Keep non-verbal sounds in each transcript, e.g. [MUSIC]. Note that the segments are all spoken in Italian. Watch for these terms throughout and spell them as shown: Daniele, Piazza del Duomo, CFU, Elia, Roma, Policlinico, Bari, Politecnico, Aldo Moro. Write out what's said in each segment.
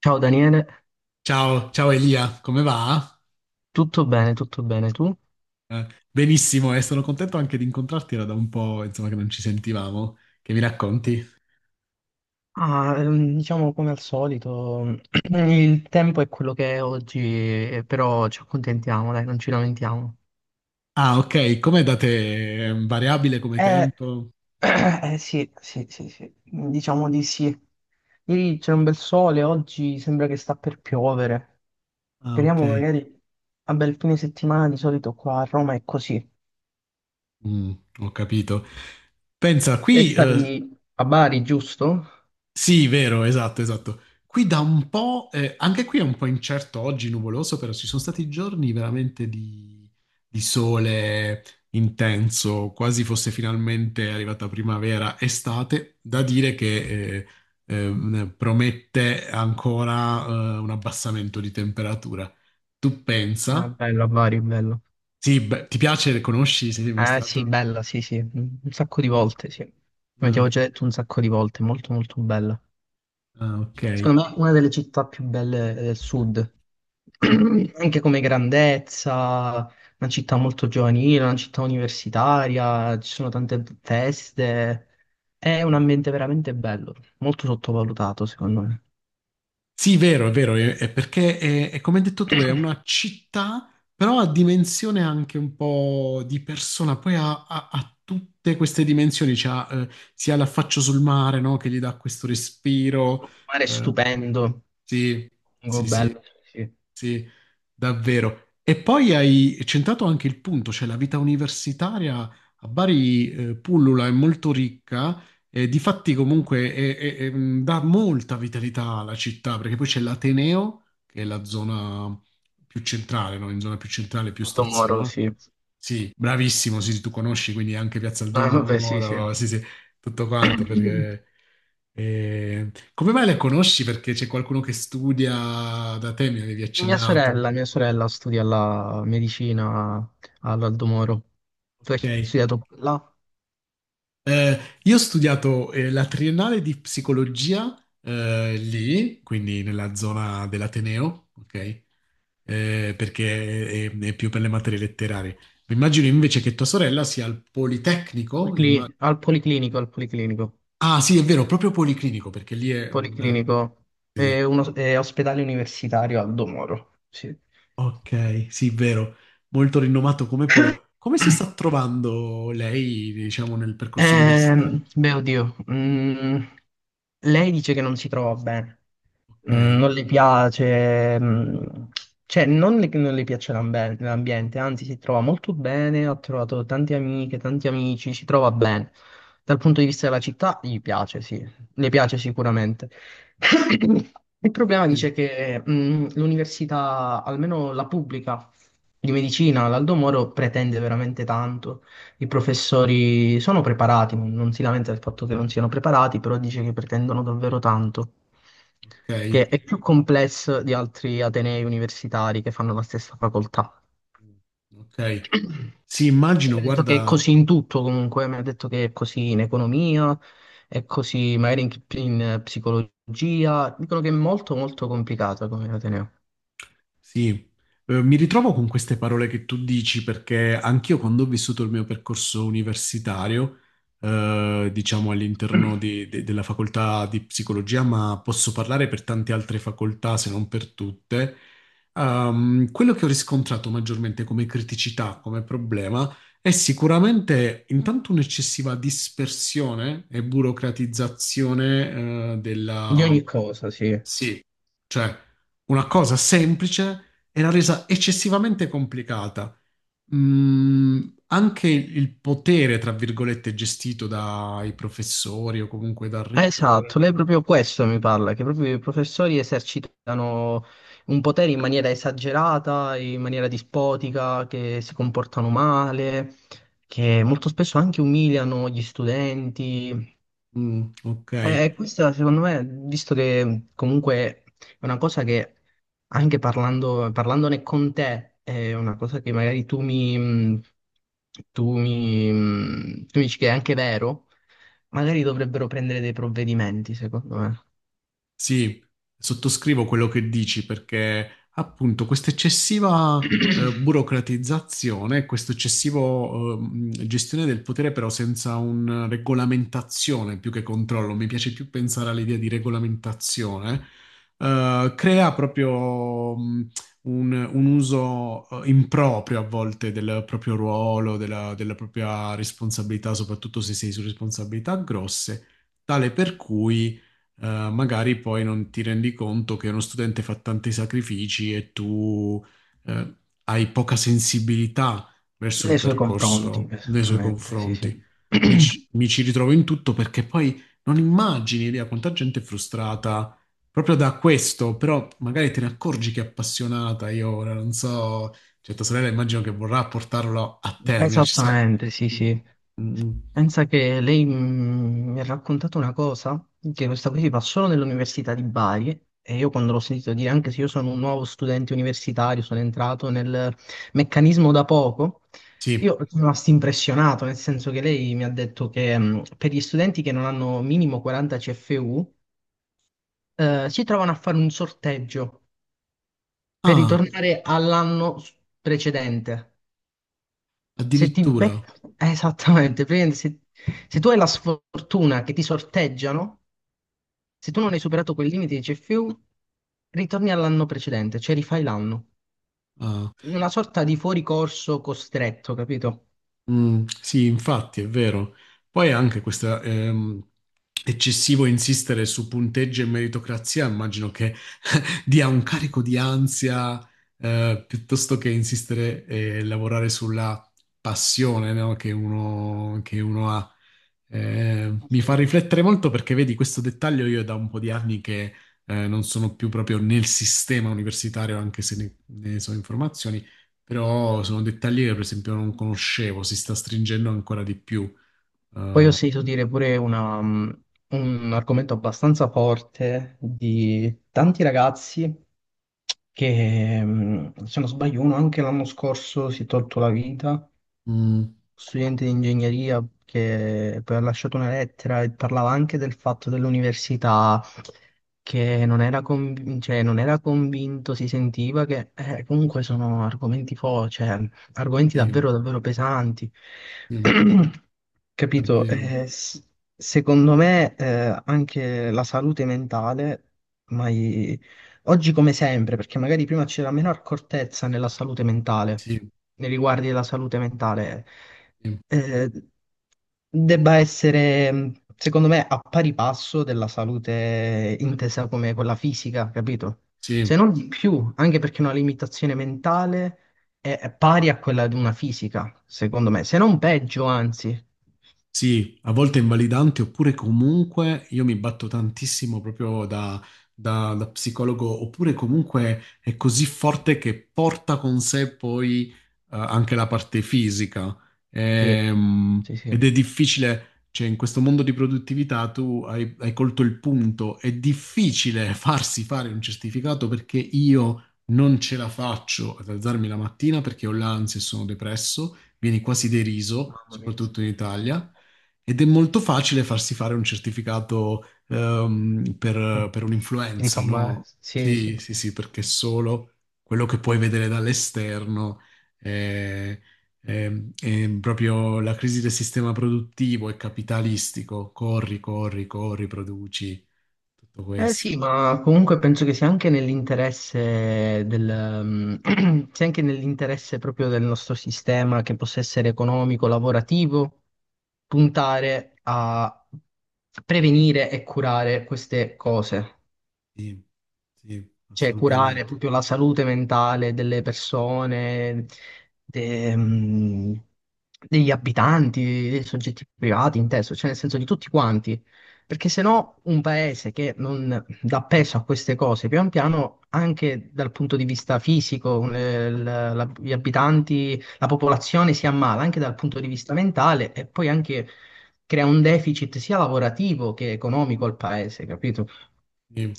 Ciao Daniele, Ciao, ciao Elia, come va? Tutto bene, tu? Benissimo, e sono contento anche di incontrarti, era da un po', insomma, che non ci sentivamo. Che mi racconti? Diciamo come al solito, [CLEARS THROAT] il tempo è quello che è oggi, però ci accontentiamo, dai, non ci lamentiamo. Ah, ok, com'è da te? È variabile come Eh, tempo? Sì, sì, sì, sì, diciamo di sì. Ieri c'è un bel sole, oggi sembra che sta per piovere. Ah, ok. Speriamo magari a bel fine settimana, di solito qua a Roma è così. Mm, ho capito. Pensa, E qui stavi a Bari, giusto? sì, vero, esatto, esatto. Qui da un po', anche qui è un po' incerto oggi, nuvoloso, però ci sono stati giorni veramente di sole intenso, quasi fosse finalmente arrivata primavera, estate, da dire che promette ancora un abbassamento di temperatura. Tu Ah, pensa? bello, a Bari, bello. Sì, beh, ti piace, conosci, sei mai Ah sì, stato? bella, sì, sì, un sacco di Mm, volte, sì. Come ti avevo eh, già detto un sacco di volte, molto molto bella. ah, ok. Secondo me una delle città più belle del sud, [CLEARS THROAT] Mm. anche come grandezza, una città molto giovanile, una città universitaria, ci sono tante feste, è un Sì. ambiente veramente bello, molto sottovalutato secondo me. Sì, vero, è perché è come hai detto tu, è una città, però ha dimensione anche un po' di persona, poi ha, ha tutte queste dimensioni, c'ha, sia l'affaccio sul mare, no, che gli dà questo respiro, Il mare è eh, stupendo, sì, molto sì, sì, bello, sì. Sì. sì, davvero. E poi hai centrato anche il punto, cioè la vita universitaria a Bari, pullula, è molto ricca, difatti comunque dà molta vitalità alla città, perché poi c'è l'Ateneo, che è la zona più centrale, no? In zona più centrale, più Molto moro, stazione. sì. Sì, bravissimo, sì, sì, tu conosci, quindi anche Piazza del Ah, vabbè, sì, sì. Domoro, sì, sì, tutto quanto, [CLEARS THROAT] perché... come mai le conosci? Perché c'è qualcuno che studia da te, mi avevi Mia accennato. sorella, mia sorella studia la medicina all'Aldo Moro. Tu hai Ok. studiato là? Eh, io ho studiato la triennale di psicologia lì, quindi nella zona dell'Ateneo, ok? Perché è più per le materie letterarie. Mi immagino invece che tua sorella sia al Politecnico. Al Policlinico, al Policlinico. Ah, sì, è vero, proprio Policlinico, perché lì è un... Policlinico è ospedale universitario Aldo Moro. Sì. Ok, sì, vero, molto rinomato come polo. Come si sta trovando lei, diciamo, nel percorso universitario? Beh, oddio. Lei dice che non si trova bene. Ok, Non gli piace, cioè non le- che non le piace l'ambiente, anzi si trova molto bene, ha trovato tante amiche, tanti amici, si trova bene. Dal punto di vista della città gli piace, sì, le piace sicuramente. [COUGHS] Il problema dice che l'università, almeno la pubblica di medicina, l'Aldo Moro, pretende veramente tanto. I professori sono preparati, non si lamenta del fatto che non siano preparati, però dice che pretendono davvero tanto, ok, che è più complesso di altri atenei universitari che fanno la stessa facoltà. ok. Sì, Lei immagino, mi ha detto che è guarda, così in tutto comunque, mi ha detto che è così in economia, è così magari in psicologia, dicono che è molto molto complicata come ateneo. sì, mi ritrovo con queste parole che tu dici perché anch'io quando ho vissuto il mio percorso universitario, diciamo all'interno [CLEARS THROAT] della facoltà di psicologia, ma posso parlare per tante altre facoltà se non per tutte, quello che ho riscontrato maggiormente come criticità, come problema, è sicuramente intanto un'eccessiva dispersione e burocratizzazione, Di ogni cosa, sì. sì, cioè una cosa semplice era resa eccessivamente complicata. Mm, anche il potere, tra virgolette, gestito dai professori o comunque dal rettore. esatto, lei proprio questo mi parla, che proprio i professori esercitano un potere in maniera esagerata, in maniera dispotica, che si comportano male, che molto spesso anche umiliano gli studenti. Mm, ok. E questa, secondo me, visto che comunque è una cosa che, anche parlando, parlandone con te, è una cosa che magari tu mi dici che è anche vero, magari dovrebbero prendere dei provvedimenti, secondo me. Sì, sottoscrivo quello che dici perché appunto questa eccessiva burocratizzazione, questa eccessiva gestione del potere però senza una regolamentazione più che controllo, mi piace più pensare all'idea di regolamentazione, crea proprio un uso improprio a volte del proprio ruolo, della, della propria responsabilità, soprattutto se sei su responsabilità grosse, tale per cui magari poi non ti rendi conto che uno studente fa tanti sacrifici e tu eh, hai poca sensibilità verso il Nei suoi confronti, percorso nei suoi esattamente, sì, sì. confronti. Mi [CLEARS THROAT] ci, mi ci ritrovo in tutto perché poi non immagini, Elia, quanta gente è frustrata proprio da questo, però magari te ne accorgi che è appassionata. Io ora non so, cioè tua sorella immagino che vorrà portarlo a termine. Ci sa... Esattamente, sì, Mm, sì. mm, Pensa che lei mi ha raccontato una cosa, che questa qui si fa solo nell'università di Bari, e io quando l'ho sentito dire, anche se io sono un nuovo studente universitario, sono entrato nel meccanismo da poco, sì. io sono rimasto impressionato, nel senso che lei mi ha detto che per gli studenti che non hanno minimo 40 CFU, si trovano a fare un sorteggio per Ah, ritornare precedente. Se ti addirittura. becca... Esattamente, praticamente se tu hai la sfortuna che ti sorteggiano, se tu non hai superato quel limite di CFU, ritorni all'anno precedente, cioè rifai l'anno. Ah. In una sorta di fuoricorso costretto, capito? Mm, sì, infatti, è vero. Poi anche questo eccessivo insistere su punteggio e meritocrazia, immagino che dia un carico di ansia, piuttosto che insistere e lavorare sulla passione, no, che uno, che uno ha. Mi fa Sì. riflettere molto perché vedi questo dettaglio io è da un po' di anni che non sono più proprio nel sistema universitario, anche se ne, ne so informazioni, però sono dettagli che per esempio non conoscevo, si sta stringendo ancora di più. Poi ho sentito dire pure una, un argomento abbastanza forte di tanti ragazzi che, se non sbaglio, uno anche l'anno scorso si è tolto la vita, Mm, studente di ingegneria, che poi ha lasciato una lettera e parlava anche del fatto dell'università, che non era, conv- cioè, non era convinto, si sentiva che comunque sono cioè, argomenti sì, davvero davvero pesanti. sì, [CLEARS THROAT] Capito? davvero. Secondo me anche la salute mentale, ma oggi come sempre, perché magari prima c'era meno accortezza nella salute mentale, Sì, nei riguardi della salute mentale, sì, eh, debba essere, secondo me, a pari passo della salute intesa come quella fisica, capito? sì. Se non di più, anche perché una limitazione mentale è pari a quella di una fisica, secondo me, se non peggio, anzi. Sì, a volte è invalidante, oppure comunque io mi batto tantissimo proprio da, da psicologo, oppure comunque è così forte che porta con sé poi anche la parte fisica. Sì, sì, sì. Ed è difficile, cioè in questo mondo di produttività tu hai, hai colto il punto, è difficile [LAUGHS] farsi fare un certificato perché io non ce la faccio ad alzarmi la mattina perché ho l'ansia e sono depresso, vieni quasi deriso, soprattutto in Italia. Ed è molto facile farsi fare un certificato per Ti fa un'influenza, male. no? Sì, sì. Sì, sì, sì, perché solo quello che puoi vedere dall'esterno è, è- è proprio la crisi del sistema produttivo e capitalistico. Corri, corri, corri, produci, tutto Eh questo. sì, ma comunque penso che sia anche nell'interesse [CLEARS THROAT] sia anche nell'interesse proprio del nostro sistema, che possa essere economico, lavorativo, puntare a prevenire e curare queste cose, Sì, sì, cioè curare assolutamente. proprio la salute mentale delle persone, de- mh, degli abitanti, dei soggetti privati, inteso, cioè nel senso di tutti quanti. Perché se no un paese che non dà peso a queste cose, pian piano, anche dal punto di vista fisico, gli abitanti, la popolazione si ammala, anche dal punto di vista mentale, e poi anche crea un deficit sia lavorativo che economico al paese, capito? Sì,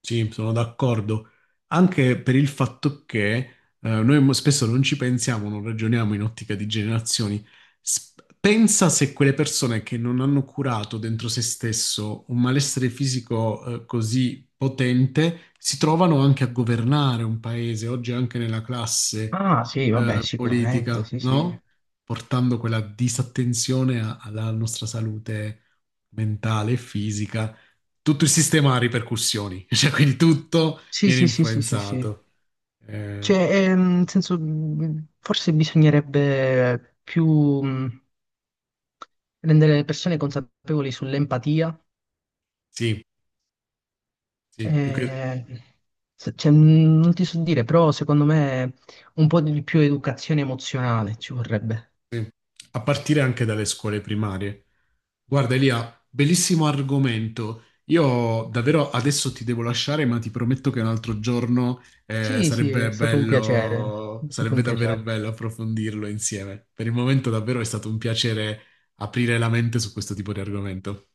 sì, sono d'accordo. Anche per il fatto che noi spesso non ci pensiamo, non ragioniamo in ottica di generazioni. S- Pensa se quelle persone che non hanno curato dentro se stesso un malessere fisico così potente si trovano anche a governare un paese, oggi anche nella classe Ah, sì, vabbè, sicuramente, politica, sì, sì. no? Portando quella disattenzione alla nostra salute mentale e fisica, tutto il sistema ha ripercussioni, [LAUGHS] cioè quindi tutto Sì, viene sì, sì, sì, sì, sì. influenzato. Eh, Cioè, nel senso, forse bisognerebbe più rendere le persone consapevoli sull'empatia. sì, sì, più che, eh, Non ti so dire, però secondo me un po' di più educazione emozionale ci vorrebbe. sì. A partire anche dalle scuole primarie. Guarda Elia, bellissimo argomento. Io davvero adesso ti devo lasciare, ma ti prometto che un altro giorno Sì, sì, è sarebbe stato un piacere, bello, è stato sarebbe un davvero piacere. bello approfondirlo insieme. Per il momento davvero è stato un piacere aprire la mente su questo tipo di argomento.